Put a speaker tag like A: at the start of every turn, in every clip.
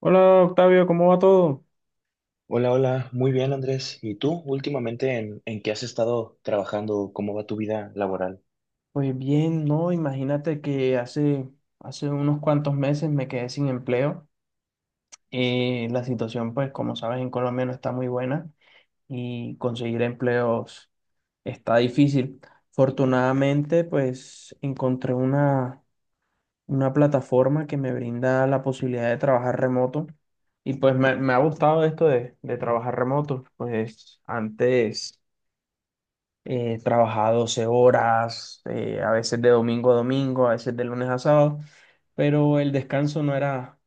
A: Hola Octavio, ¿cómo va todo?
B: Hola, hola, muy bien Andrés. ¿Y tú últimamente en qué has estado trabajando? ¿Cómo va tu vida laboral?
A: Pues bien, no, imagínate que hace unos cuantos meses me quedé sin empleo. La situación, pues como sabes, en Colombia no está muy buena y conseguir empleos está difícil. Afortunadamente, pues encontré una plataforma que me brinda la posibilidad de trabajar remoto y pues me ha gustado esto de trabajar remoto. Pues antes, trabajaba 12 horas, a veces de domingo a domingo, a veces de lunes a sábado, pero el descanso no era,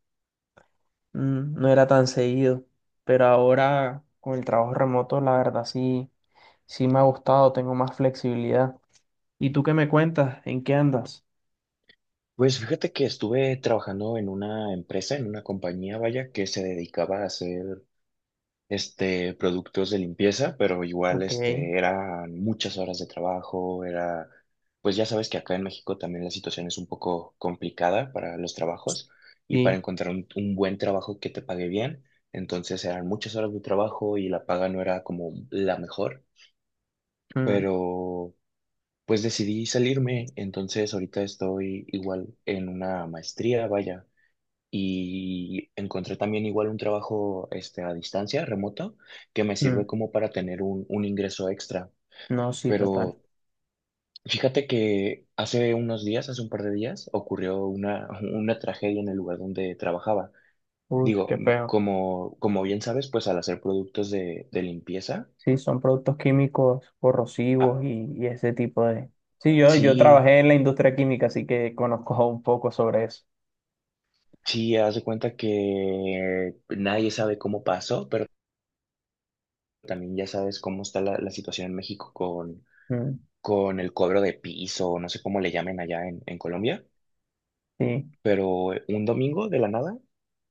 A: no era tan seguido. Pero ahora con el trabajo remoto, la verdad sí, sí me ha gustado, tengo más flexibilidad. ¿Y tú qué me cuentas? ¿En qué andas?
B: Pues fíjate que estuve trabajando en una empresa, en una compañía, vaya, que se dedicaba a hacer productos de limpieza, pero igual
A: Ok,
B: eran muchas horas de trabajo, era pues ya sabes que acá en México también la situación es un poco complicada para los trabajos y para
A: sí.
B: encontrar un buen trabajo que te pague bien. Entonces eran muchas horas de trabajo y la paga no era como la mejor.
A: Mm,
B: Pero pues decidí salirme, entonces ahorita estoy igual en una maestría, vaya, y encontré también igual un trabajo a distancia, remoto, que me sirve
A: mm,
B: como para tener un ingreso extra,
A: no, sí, total.
B: pero fíjate que hace unos días, hace un par de días, ocurrió una, una tragedia en el lugar donde trabajaba.
A: Uy,
B: Digo,
A: qué feo.
B: como bien sabes, pues al hacer productos de limpieza,
A: Sí, son productos químicos
B: ah,
A: corrosivos y ese tipo de. Sí, yo
B: sí.
A: trabajé en la industria química, así que conozco un poco sobre eso.
B: Sí, haz de cuenta que nadie sabe cómo pasó, pero también ya sabes cómo está la situación en México
A: Mm,
B: con el cobro de piso, no sé cómo le llamen allá en Colombia,
A: sí,
B: pero un domingo de la nada,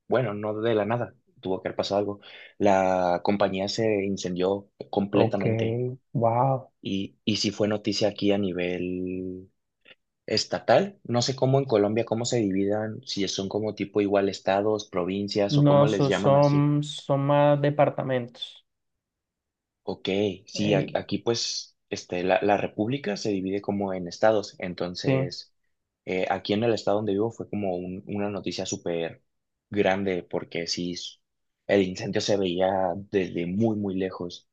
B: bueno, no de la nada, tuvo que haber pasado algo. La compañía se incendió
A: ok,
B: completamente
A: wow.
B: y sí fue noticia aquí a nivel estatal. No sé cómo en Colombia, cómo se dividan, si son como tipo igual estados, provincias o
A: No,
B: cómo les
A: so-
B: llaman así.
A: son, son más departamentos.
B: Ok, sí,
A: El,
B: aquí pues la república se divide como en estados,
A: sí.
B: entonces aquí en el estado donde vivo fue como una noticia súper grande porque sí, el incendio se veía desde muy, muy lejos.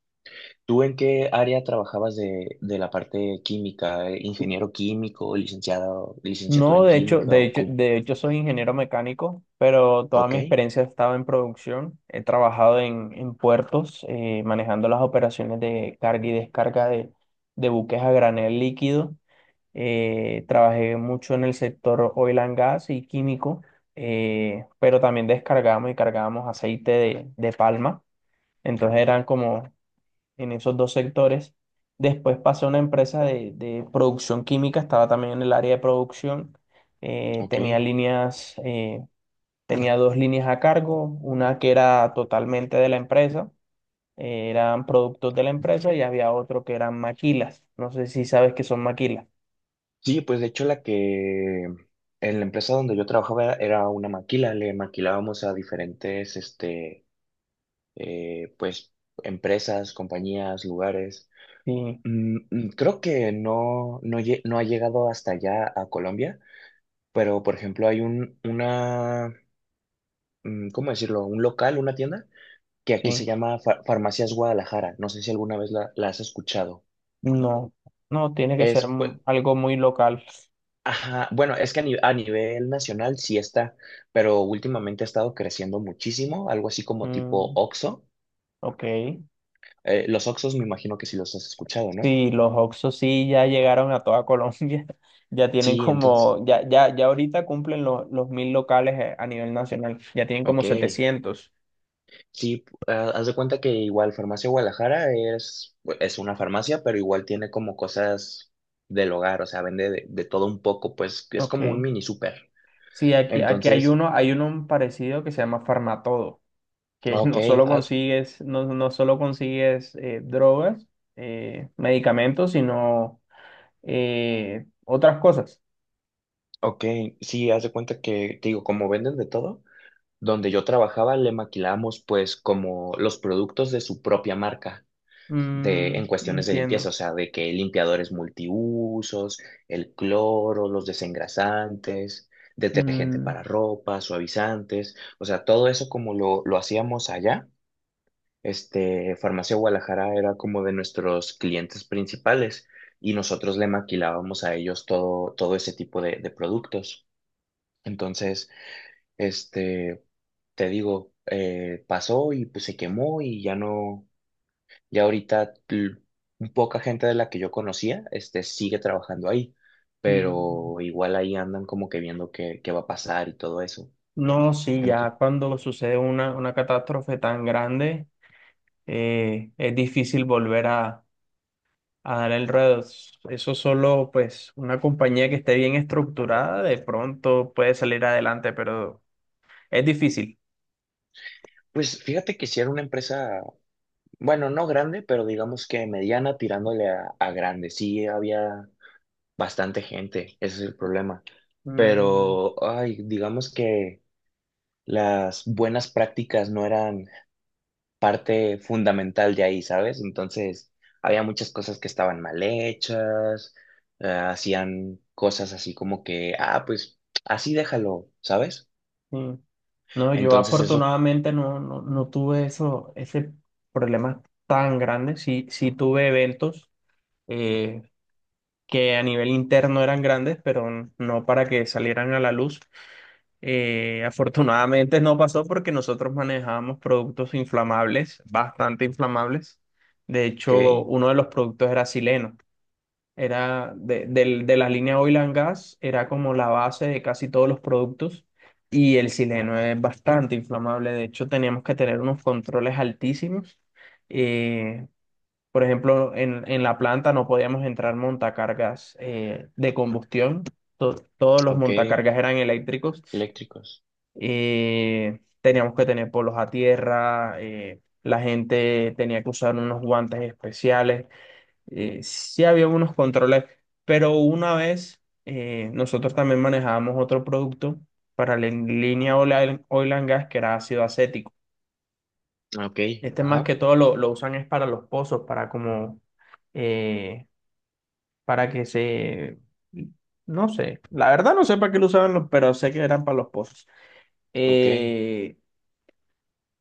B: ¿Tú en qué área trabajabas de la parte química? ¿Ingeniero químico, licenciado, licenciatura
A: No,
B: en
A: de hecho,
B: química
A: de
B: o
A: hecho,
B: cómo?
A: de hecho soy ingeniero mecánico, pero toda
B: Ok,
A: mi experiencia ha estado en producción. He trabajado en puertos, manejando las operaciones de carga y descarga de buques a granel líquido. Trabajé mucho en el sector oil and gas y químico, pero también descargamos y cargábamos aceite de palma. Entonces eran como en esos dos sectores. Después pasé a una empresa de producción química, estaba también en el área de producción. Eh, tenía
B: ok.
A: líneas, eh, tenía dos líneas a cargo, una que era totalmente de la empresa, eran productos de la empresa y había otro que eran maquilas. No sé si sabes qué son maquilas.
B: Sí, pues de hecho la que en la empresa donde yo trabajaba era una maquila, le maquilábamos a diferentes, eh, pues, empresas, compañías, lugares.
A: Sí,
B: Mm, mm, creo que no, no, no ha llegado hasta allá a Colombia, pero por ejemplo hay un, una, mm, ¿cómo decirlo? Un local, una tienda, que aquí se
A: sí.
B: llama Farmacias Guadalajara. No sé si alguna vez la has escuchado.
A: No, no, tiene que
B: Es,
A: ser
B: pues,
A: algo muy local.
B: ajá, bueno, es que a, ni- a nivel nacional sí está, pero últimamente ha estado creciendo muchísimo, algo así como tipo
A: Mm,
B: Oxxo.
A: ok.
B: Los Oxxos me imagino que sí los has escuchado, ¿no?
A: Sí, los Oxxos sí ya llegaron a toda Colombia. Ya tienen
B: Sí, entonces,
A: como, ya ahorita cumplen los 1000 locales, a nivel nacional. Ya tienen como
B: ok,
A: 700.
B: sí, ah, haz de cuenta que igual Farmacia Guadalajara es una farmacia, pero igual tiene como cosas del hogar, o sea, vende de todo un poco, pues es como un
A: Ok.
B: mini súper.
A: Sí, aquí hay
B: Entonces,
A: uno, hay uno parecido que se llama Farmatodo, que
B: ok,
A: no solo
B: ah,
A: consigues, no, no solo consigues drogas, medicamentos, sino otras cosas.
B: ok, sí, haz de cuenta que, te digo, como venden de todo. Donde yo trabajaba le maquilábamos pues como los productos de su propia marca de, en
A: Mm,
B: cuestiones de limpieza, o
A: entiendo.
B: sea, de que limpiadores multiusos, el cloro, los desengrasantes, detergente
A: Mm,
B: para ropa, suavizantes, o sea, todo eso como lo hacíamos allá. Este, Farmacia Guadalajara era como de nuestros clientes principales y nosotros le maquilábamos a ellos todo, todo ese tipo de productos. Entonces, este te digo, pasó y pues se quemó y ya no, ya ahorita poca gente de la que yo conocía, este, sigue trabajando ahí,
A: mm.
B: pero igual ahí andan como que viendo qué, qué va a pasar y todo eso.
A: No, sí, ya
B: Entonces,
A: cuando sucede una catástrofe tan grande, es difícil volver a dar el ruedo. Eso solo, pues, una compañía que esté bien estructurada, de pronto puede salir adelante, pero es difícil.
B: pues fíjate que si era una empresa, bueno, no grande, pero digamos que mediana tirándole a grande, sí había bastante gente, ese es el problema,
A: Mm,
B: pero, ay, digamos que las buenas prácticas no eran parte fundamental de ahí, ¿sabes? Entonces, había muchas cosas que estaban mal hechas, hacían cosas así como que, ah, pues así déjalo, ¿sabes?
A: sí. No, yo
B: Entonces eso,
A: afortunadamente no tuve eso, ese problema tan grande. Sí, sí tuve eventos, eh, que a nivel interno eran grandes, pero no para que salieran a la luz. Afortunadamente no pasó porque nosotros manejábamos productos inflamables, bastante inflamables. De hecho,
B: ok,
A: uno de los productos era sileno. Era de la línea Oil and Gas, era como la base de casi todos los productos. Y el sileno es bastante inflamable. De hecho, teníamos que tener unos controles altísimos. eh, por ejemplo, en la planta no podíamos entrar montacargas de combustión. Todos los
B: ok,
A: montacargas eran eléctricos.
B: eléctricos,
A: Teníamos que tener polos a tierra. La gente tenía que usar unos guantes especiales. Sí había unos controles, pero una vez nosotros también manejábamos otro producto para la línea oil and gas que era ácido acético.
B: ok,
A: Este más
B: ajá,
A: que todo lo usan es para los pozos. Eh, para que se... No sé, la verdad no sé para qué lo usaban, pero sé que eran para los pozos.
B: ok,
A: Eh,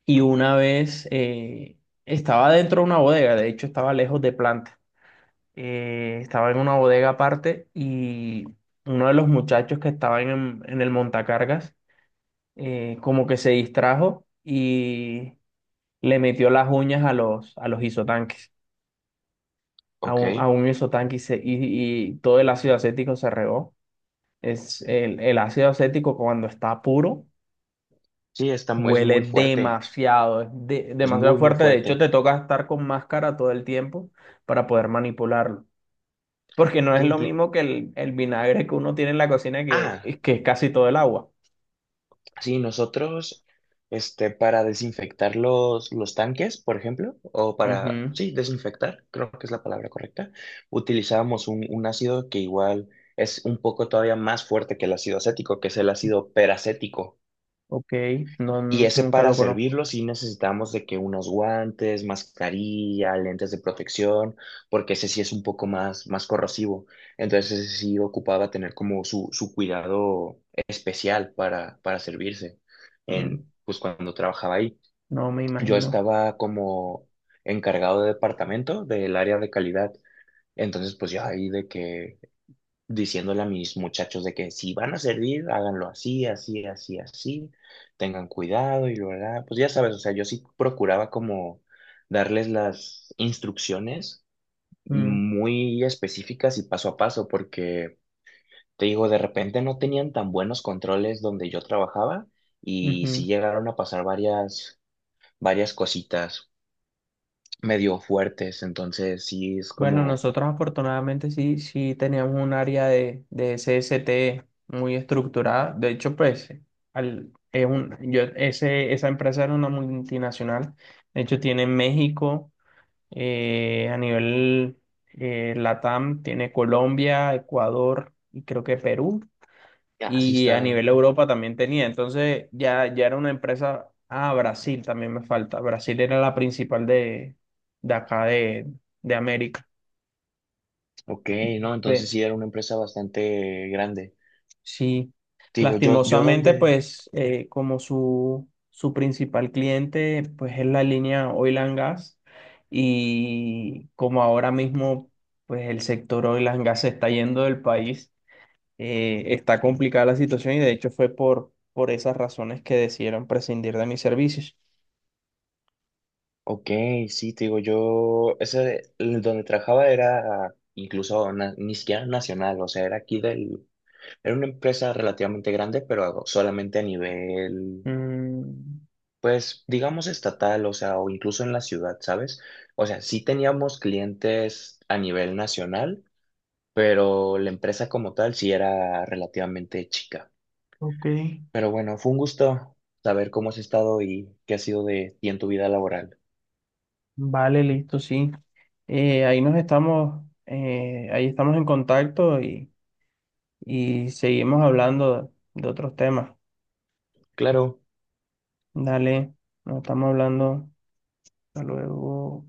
A: y una vez estaba dentro de una bodega, de hecho estaba lejos de planta. Estaba en una bodega aparte y uno de los muchachos que estaban en el montacargas como que se distrajo y le metió las uñas a los isotanques, a
B: ok.
A: un, a un isotanque y todo el ácido acético se regó. Es el ácido acético cuando está puro
B: Sí, está, es
A: huele
B: muy fuerte,
A: demasiado, es de-
B: es
A: demasiado
B: muy, muy
A: fuerte. De hecho,
B: fuerte.
A: te toca estar con máscara todo el tiempo para poder manipularlo. Porque no es lo
B: Inclu-
A: mismo que el vinagre que uno tiene en la cocina que,
B: ah,
A: que es casi todo el agua.
B: sí, nosotros, este, para desinfectar los tanques, por ejemplo, o para,
A: Ujú,
B: sí, desinfectar, creo que es la palabra correcta, utilizábamos un ácido que igual es un poco todavía más fuerte que el ácido acético, que es el ácido peracético.
A: ok, no,
B: Y ese
A: nunca
B: para
A: lo conozco.
B: servirlo sí necesitamos de que unos guantes, mascarilla, lentes de protección, porque ese sí es un poco más, más corrosivo. Entonces ese sí ocupaba tener como su cuidado especial para servirse
A: Mm,
B: en, pues cuando trabajaba ahí.
A: no me
B: Yo
A: imagino.
B: estaba como encargado de departamento del área de calidad. Entonces pues yo ahí de que diciéndole a mis muchachos de que si van a servir, háganlo así, así, así, así, tengan cuidado y lo hará. Pues ya sabes, o sea, yo sí procuraba como darles las instrucciones
A: Mm,
B: muy específicas y paso a paso, porque te digo, de repente no tenían tan buenos controles donde yo trabajaba y
A: ujú.
B: sí llegaron a pasar varias, varias cositas medio fuertes, entonces sí es
A: Bueno,
B: como,
A: nosotros afortunadamente sí, sí teníamos un área de SST muy estructurada. De hecho, pues, esa empresa era una multinacional. De hecho, tiene en México, a nivel LATAM, tiene Colombia, Ecuador y creo que Perú.
B: ah, sí
A: Y a
B: está,
A: nivel Europa también tenía. Entonces, ya era una empresa. Ah, Brasil también me falta. Brasil era la principal de acá de América.
B: ok, ¿no? Entonces
A: Pe-
B: sí era una empresa bastante grande.
A: Sí,
B: Te digo, yo
A: lastimosamente,
B: donde,
A: pues como su principal cliente, pues es la línea Oil and Gas y como ahora mismo, pues el sector Oil and Gas se está yendo del país, está complicada la situación y de hecho fue por esas razones que decidieron prescindir de mis servicios.
B: ok, sí, te digo, yo, ese, el donde trabajaba era incluso ni siquiera nacional, o sea, era aquí del, era una empresa relativamente grande, pero solamente a nivel,
A: Mm,
B: pues, digamos estatal, o sea, o incluso en la ciudad, ¿sabes? O sea, sí teníamos clientes a nivel nacional, pero la empresa como tal sí era relativamente chica.
A: ok.
B: Pero bueno, fue un gusto saber cómo has estado y qué ha sido de ti en tu vida laboral.
A: Vale, listo, sí. Ahí estamos en contacto y seguimos hablando de otros temas.
B: Claro.
A: Dale, nos estamos hablando. Hasta luego.